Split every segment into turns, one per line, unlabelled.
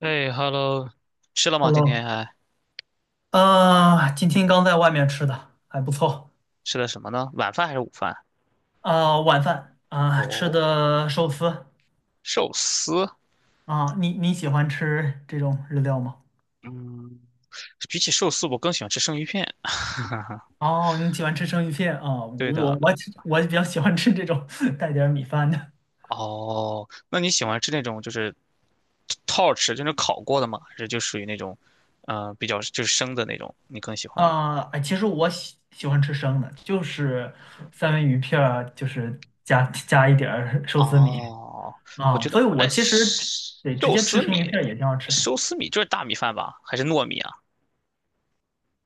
哎，hello，吃了吗？今天
Hello，
还
啊，今天刚在外面吃的，还不错。
吃的什么呢？晚饭还是午饭？
啊，晚饭啊，吃
哦，
的寿司。
寿司。
啊，你喜欢吃这种日料吗？
嗯，比起寿司，我更喜欢吃生鱼片。
哦，你喜欢吃生鱼片啊？
对
我
的。
我我比较喜欢吃这种 带点儿米饭的。
哦，那你喜欢吃那种就是套吃，就是烤过的吗？还是就属于那种，比较就是生的那种，你更喜欢呢？
啊，哎，其实我喜欢吃生的，就是三文鱼片儿，就是加一点儿寿司米。
哦，我
啊，
觉得，
所以
哎，
我其实对直
寿
接吃
司
生鱼
米，
片儿也挺好吃。
寿司米就是大米饭吧？还是糯米啊？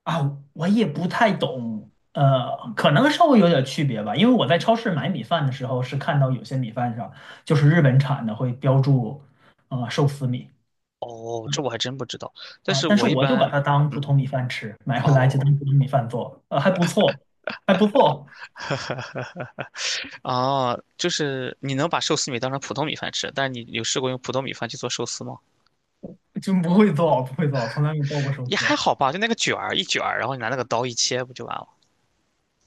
啊，我也不太懂，可能稍微有点区别吧，因为我在超市买米饭的时候是看到有些米饭上就是日本产的会标注，寿司米。
哦，这我还真不知道。但
啊，
是
但
我
是
一
我就把
般，
它当普通
嗯，
米饭吃，买回来就
哦。
当普通米饭做，还不错，还不错。
哦，就是你能把寿司米当成普通米饭吃，但是你有试过用普通米饭去做寿司吗？
就不会做，不会做，从来没做过寿
也还
司。
好吧，就那个卷儿一卷儿，然后你拿那个刀一切，不就完了？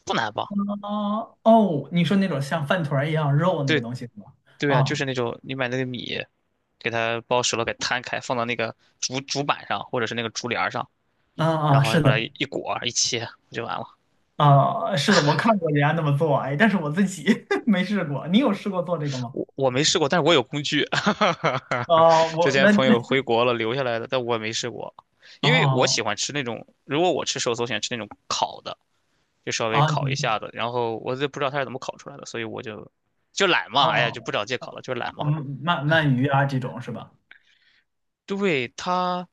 不难吧？
啊，哦，你说那种像饭团儿一样肉那个
对
东西是吧？
对啊，就
啊
是那种你买那个米，给它包熟了，给摊开，放到那个竹板上或者是那个竹帘儿上，
啊
然
啊，
后
是
把
的。
它一裹一切，不就完了？
啊，是的，我看过人家那么做，哎，但是我自己 没试过。你有试过做这个吗？
我没试过，但是我有工具，
哦，
之
我
前
那
朋
那
友回国了留下来的，但我没试过，因为我喜
哦。
欢吃那种，如果我吃寿司，我喜欢吃那种烤的。就稍微
啊，
烤一
行
下
行。
子，然后我就不知道他是怎么烤出来的，所以我就懒嘛，哎呀，就不
哦。
找借口
哦。
了，就是懒嘛。
嗯，鳗鱼啊这种是吧？
对他，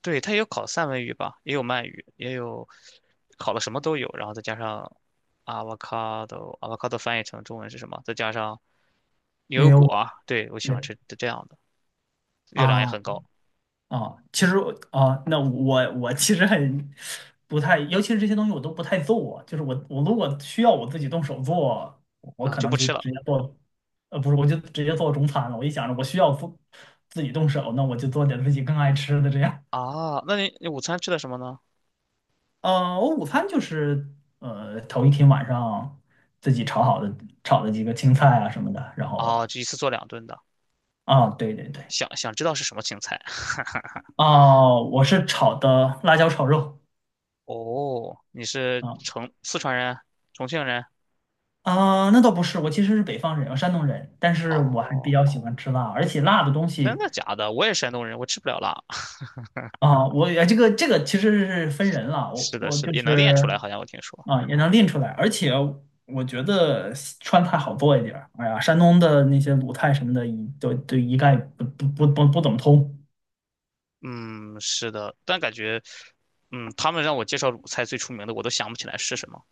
对他也有烤三文鱼吧，也有鳗鱼，也有烤的什么都有，然后再加上 avocado，avocado 翻译成中文是什么？再加上牛
因
油
为
果
我。
啊，对，我喜欢
对。
吃这样的，热量也
啊
很高
啊，其实。啊，那我。我其实很不太，尤其是这些东西我都不太做，就是我如果需要我自己动手做，我
啊，
可
就
能
不
就
吃了
直接做。不是，我就直接做中餐了。我一想着我需要做自己动手，那我就做点自己更爱吃的这样。
啊。那你午餐吃的什么呢？
我午餐就是头一天晚上自己炒好的炒的几个青菜啊什么的，然后
啊，就一次做两顿的。
啊，对对对。
想想知道是什么青菜？
啊，我是炒的辣椒炒肉。
哦，你是
啊。
成四川人，重庆人？
啊，那倒不是，我其实是北方人，我山东人，但是我还比
哦，
较喜欢吃辣，而且辣的东
真
西。
的假的？我也山东人，我吃不了辣。
啊，我也这个其实是分人了，我
是的，
我
是的，
就
也能练
是。
出来，好像我听说。
啊也能练出来，而且我觉得西川菜好做一点儿。哎呀，山东的那些鲁菜什么的，一都一概不怎么通。
嗯，是的，但感觉，嗯，他们让我介绍鲁菜最出名的，我都想不起来是什么。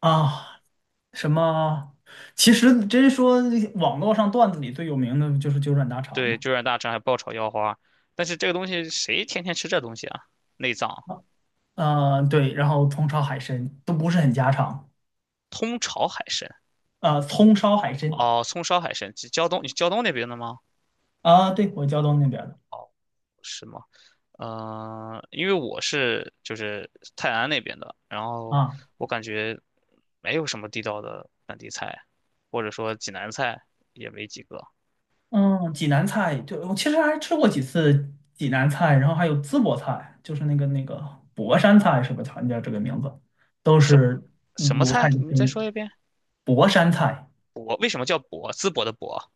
啊，什么？其实真说网络上段子里最有名的就是九转大肠
对，
嘛。
就让大肠还爆炒腰花，但是这个东西谁天天吃这东西啊？内脏，
对，然后葱烧海参都不是很家常。
通炒海参，
啊，葱烧海参。
哦，葱烧海参，胶东，你胶东那边的吗？
啊，对，我胶东那边儿的。
哦，是吗？因为我是就是泰安那边的，然后
啊，
我感觉没有什么地道的本地菜，或者说济南菜也没几个。
嗯，济南菜，就我其实还吃过几次济南菜，然后还有淄博菜，就是那个博山菜是吧？好像叫这个名字，都
什
是
什么
鲁菜
菜？
的
你
根
再说
源
一遍。
博山菜。
博为什么叫博？淄博的博。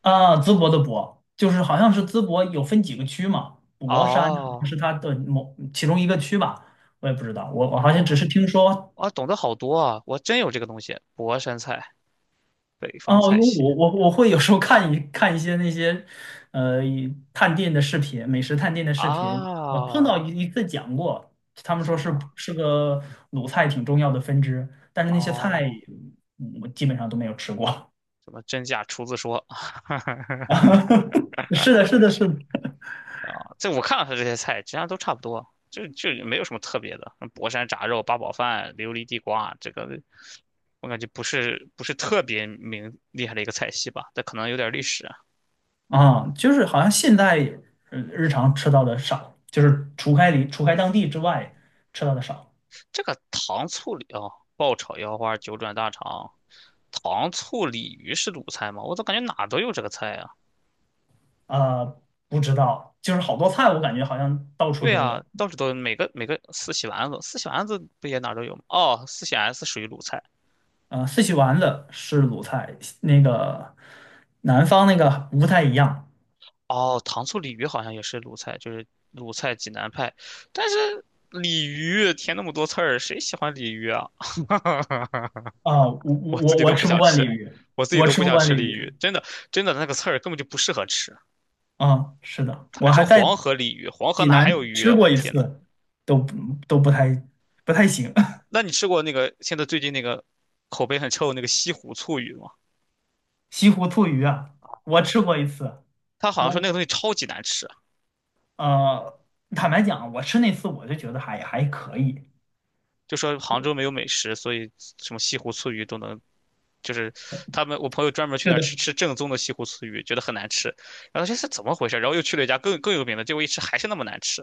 啊，淄博的博，就是好像是淄博有分几个区嘛，博山好像
哦
是它的某其中一个区吧，我也不知道，我好像只
哦
是听说。
哦，懂得好多啊！我真有这个东西，博山菜，北方
哦，因
菜
为
系
我会有时候看一看些那些，呃，一探店的视频，美食探店的视频。我碰到
啊，
一次讲过，他们说
什
是
么
是个鲁菜挺重要的分支，但是那些菜
哦，
我基本上都没有吃过。
什么真假厨子说。
是的，是的，是的。
啊，这我看了他这些菜，其他都差不多，就没有什么特别的。博山炸肉、八宝饭、琉璃地瓜，这个我感觉不是特别明厉害的一个菜系吧，但可能有点历史啊。
啊，就是好像现在日常吃到的少，就是除开当地之外吃到的少。
这个糖醋鲤哦，爆炒腰花、九转大肠、糖醋鲤鱼是鲁菜吗？我咋感觉哪都有这个菜啊？
啊，不知道，就是好多菜我感觉好像到处
对
都
啊，
有。
到处都有每个四喜丸子，四喜丸子不也哪都有吗？哦，四喜丸子属于鲁菜。
四喜丸子是鲁菜，那个南方那个不太一样。
哦，糖醋鲤鱼好像也是鲁菜，就是鲁菜济南派。但是鲤鱼填那么多刺儿，谁喜欢鲤鱼啊？
啊，我我
我自
我
己
我
都不
吃不
想
惯鲤
吃，
鱼，
我自己
我
都
吃
不
不
想
惯
吃
鲤
鲤
鱼。
鱼，真的真的那个刺儿根本就不适合吃。
啊，是的，
他还
我
说
还在
黄河鲤鱼，黄河
济
哪还有
南
鱼
吃
啊？我
过
的
一
天呐，
次，都不都不太不太行。
那你吃过那个现在最近那个口碑很臭的那个西湖醋鱼吗？
西湖醋鱼啊，我吃过一次。
他好像说
我
那个东西超级难吃，
呃，坦白讲，我吃那次我就觉得还可以。
就说杭州没有美食，所以什么西湖醋鱼都能就是他们我朋友专门去
是
那儿吃
的，
吃正宗的西湖醋鱼，觉得很难吃，然后这是怎么回事？然后又去了一家更有名的，结果一吃还是那么难吃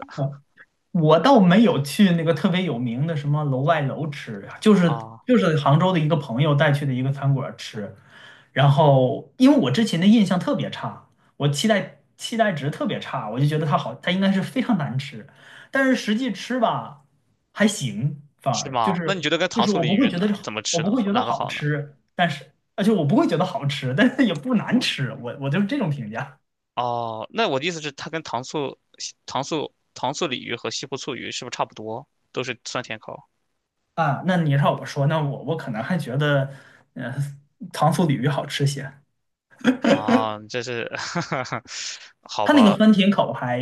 我倒没有去那个特别有名的什么楼外楼吃，就是
啊？
就是杭州的一个朋友带去的一个餐馆吃，然后因为我之前的印象特别差，我期待值特别差，我就觉得它好，它应该是非常难吃，但是实际吃吧还行，反
是
而就
吗？那你觉
是
得跟
就
糖
是
醋
我
鲤
不会
鱼
觉得
哪
是
怎
好，
么
我
吃
不
呢？
会觉得
哪个
好
好呢？
吃。但是而且我不会觉得好吃，但是也不难吃，我就是这种评价。
哦，那我的意思是，它跟糖醋鲤鱼和西湖醋鱼是不是差不多？都是酸甜口
啊，那你让我说，那我可能还觉得，呃，糖醋鲤鱼好吃些。
啊？这是 好
它那个
吧？
酸甜口还，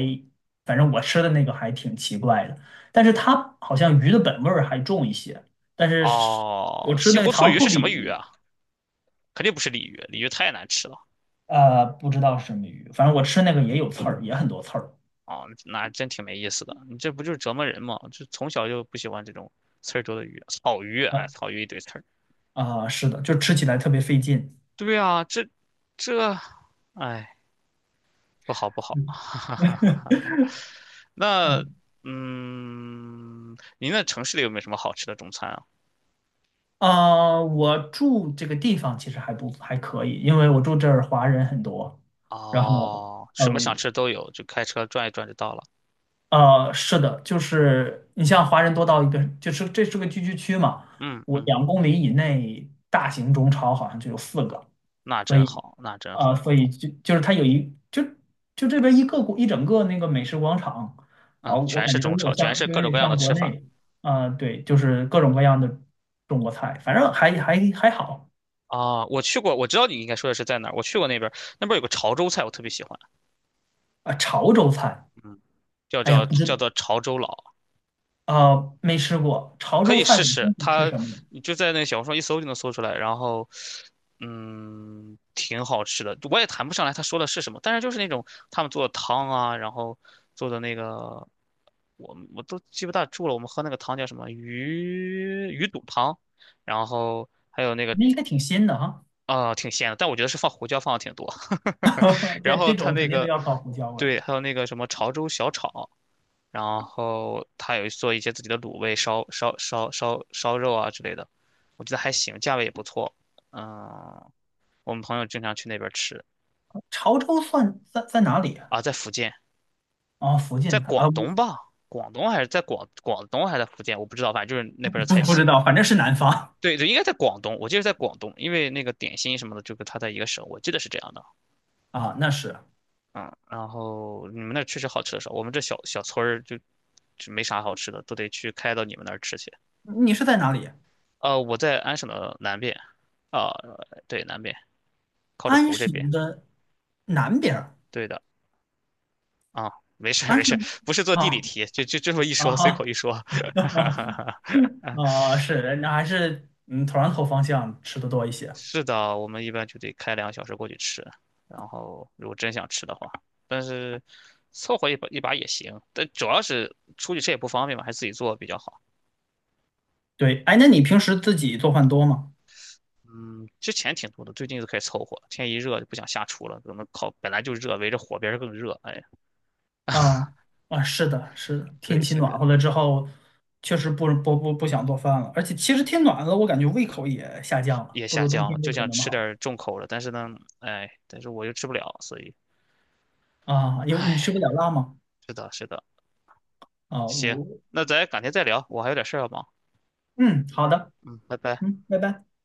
反正我吃的那个还挺奇怪的，但是它好像鱼的本味儿还重一些。但是我
哦，
吃
西
那个
湖醋
糖
鱼
醋
是什
鲤
么鱼
鱼。
啊？肯定不是鲤鱼，鲤鱼太难吃了。
不知道是什么鱼，反正我吃那个也有刺儿，也很多刺儿。
哦，那真挺没意思的。你这不就是折磨人吗？就从小就不喜欢这种刺儿多的鱼，草鱼，哎，
呃
草鱼一堆刺儿。
啊，是的，就吃起来特别费劲。
对啊，这这，哎，不好不好。
嗯
那，
嗯。
嗯，您那城市里有没有什么好吃的中餐啊？
啊，我住这个地方其实还不还可以，因为我住这儿华人很多，然后。
哦，什
呃，
么想吃都有，就开车转一转就到了。
是的，就是你像华人多到一个，就是这是个聚居区嘛，
嗯
我
嗯，
2公里以内大型中超好像就有四个。
那
所
真
以，
好，那真
呃，
好。
所以就是它有一就就这边一整个那个美食广场。啊，
嗯，
我
全
感
是
觉都
中
有点
超，全
像，
是
就
各
有
种各
点
样的
像国
吃法
内。啊，对，就是各种各样的中国菜，反正还好。
啊。我去过，我知道你应该说的是在哪儿。我去过那边儿，那边儿有个潮州菜，我特别喜欢。
啊，潮州菜，
嗯，叫
哎呀，
叫
不
叫
知。
做潮州佬，
啊，没吃过潮
可
州
以
菜
试
本
试。
身是吃
它
什么。
你就在那小红书上一搜就能搜出来，然后嗯，挺好吃的。我也谈不上来他说的是什么，但是就是那种他们做的汤啊，然后做的那个我都记不大住了。我们喝那个汤叫什么鱼肚汤，然后还有那个
那应该挺新的哈。
啊、挺鲜的，但我觉得是放胡椒放的挺多。然
这
后
这
他
种
那
肯定都
个
要靠胡椒味儿。
对，还有那个什么潮州小炒，然后他有做一些自己的卤味、烧肉啊之类的，我觉得还行，价位也不错。嗯，我们朋友经常去那边吃
潮州算在哪里啊？
啊，在福建，
哦，福
在
建菜
广
啊，不
东吧，广东还是在广东还是在福建，我不知道，反正就是那边的
不
菜
不知
系。
道，反正是南方。
对对，应该在广东，我记得在广东，因为那个点心什么的，就跟他在一个省，我记得是这样的。
啊，那是。
嗯，然后你们那儿确实好吃的少，我们这小小村儿就没啥好吃的，都得去开到你们那儿吃去。
你是在哪里啊？
我在安省的南边，啊、对，南边靠着
安
湖这边。
省的南边儿。
对的，啊，没事儿
安
没事儿
省。
不是做地理
啊
题，就这么一
啊
说，随口一
啊
说。
啊，是那还是上头方向吃的多一些。
是的，我们一般就得开2个小时过去吃，然后如果真想吃的话，但是凑合一把一把也行。但主要是出去吃也不方便嘛，还是自己做比较好。
对，哎，那你平时自己做饭多吗？
嗯，之前挺多的，最近就开始凑合了天一热就不想下厨了，可能烤本来就热，围着火边儿更热。哎，
啊啊，是的，是的，天
对，
气
现
暖
在。
和了之后，确实不想做饭了，而且
是。
其实天暖了，我感觉胃口也下降了，
也
不
下
如冬
降了，
天胃
就
口
想
那么
吃点
好。
儿重口的，但是呢，哎，但是我又吃不了，所以
啊，有你吃不了辣吗？
是的，是的，
啊，
行，
我。
那咱改天再聊，我还有点事儿要忙，
嗯，好的。
嗯，拜拜。
嗯，拜拜。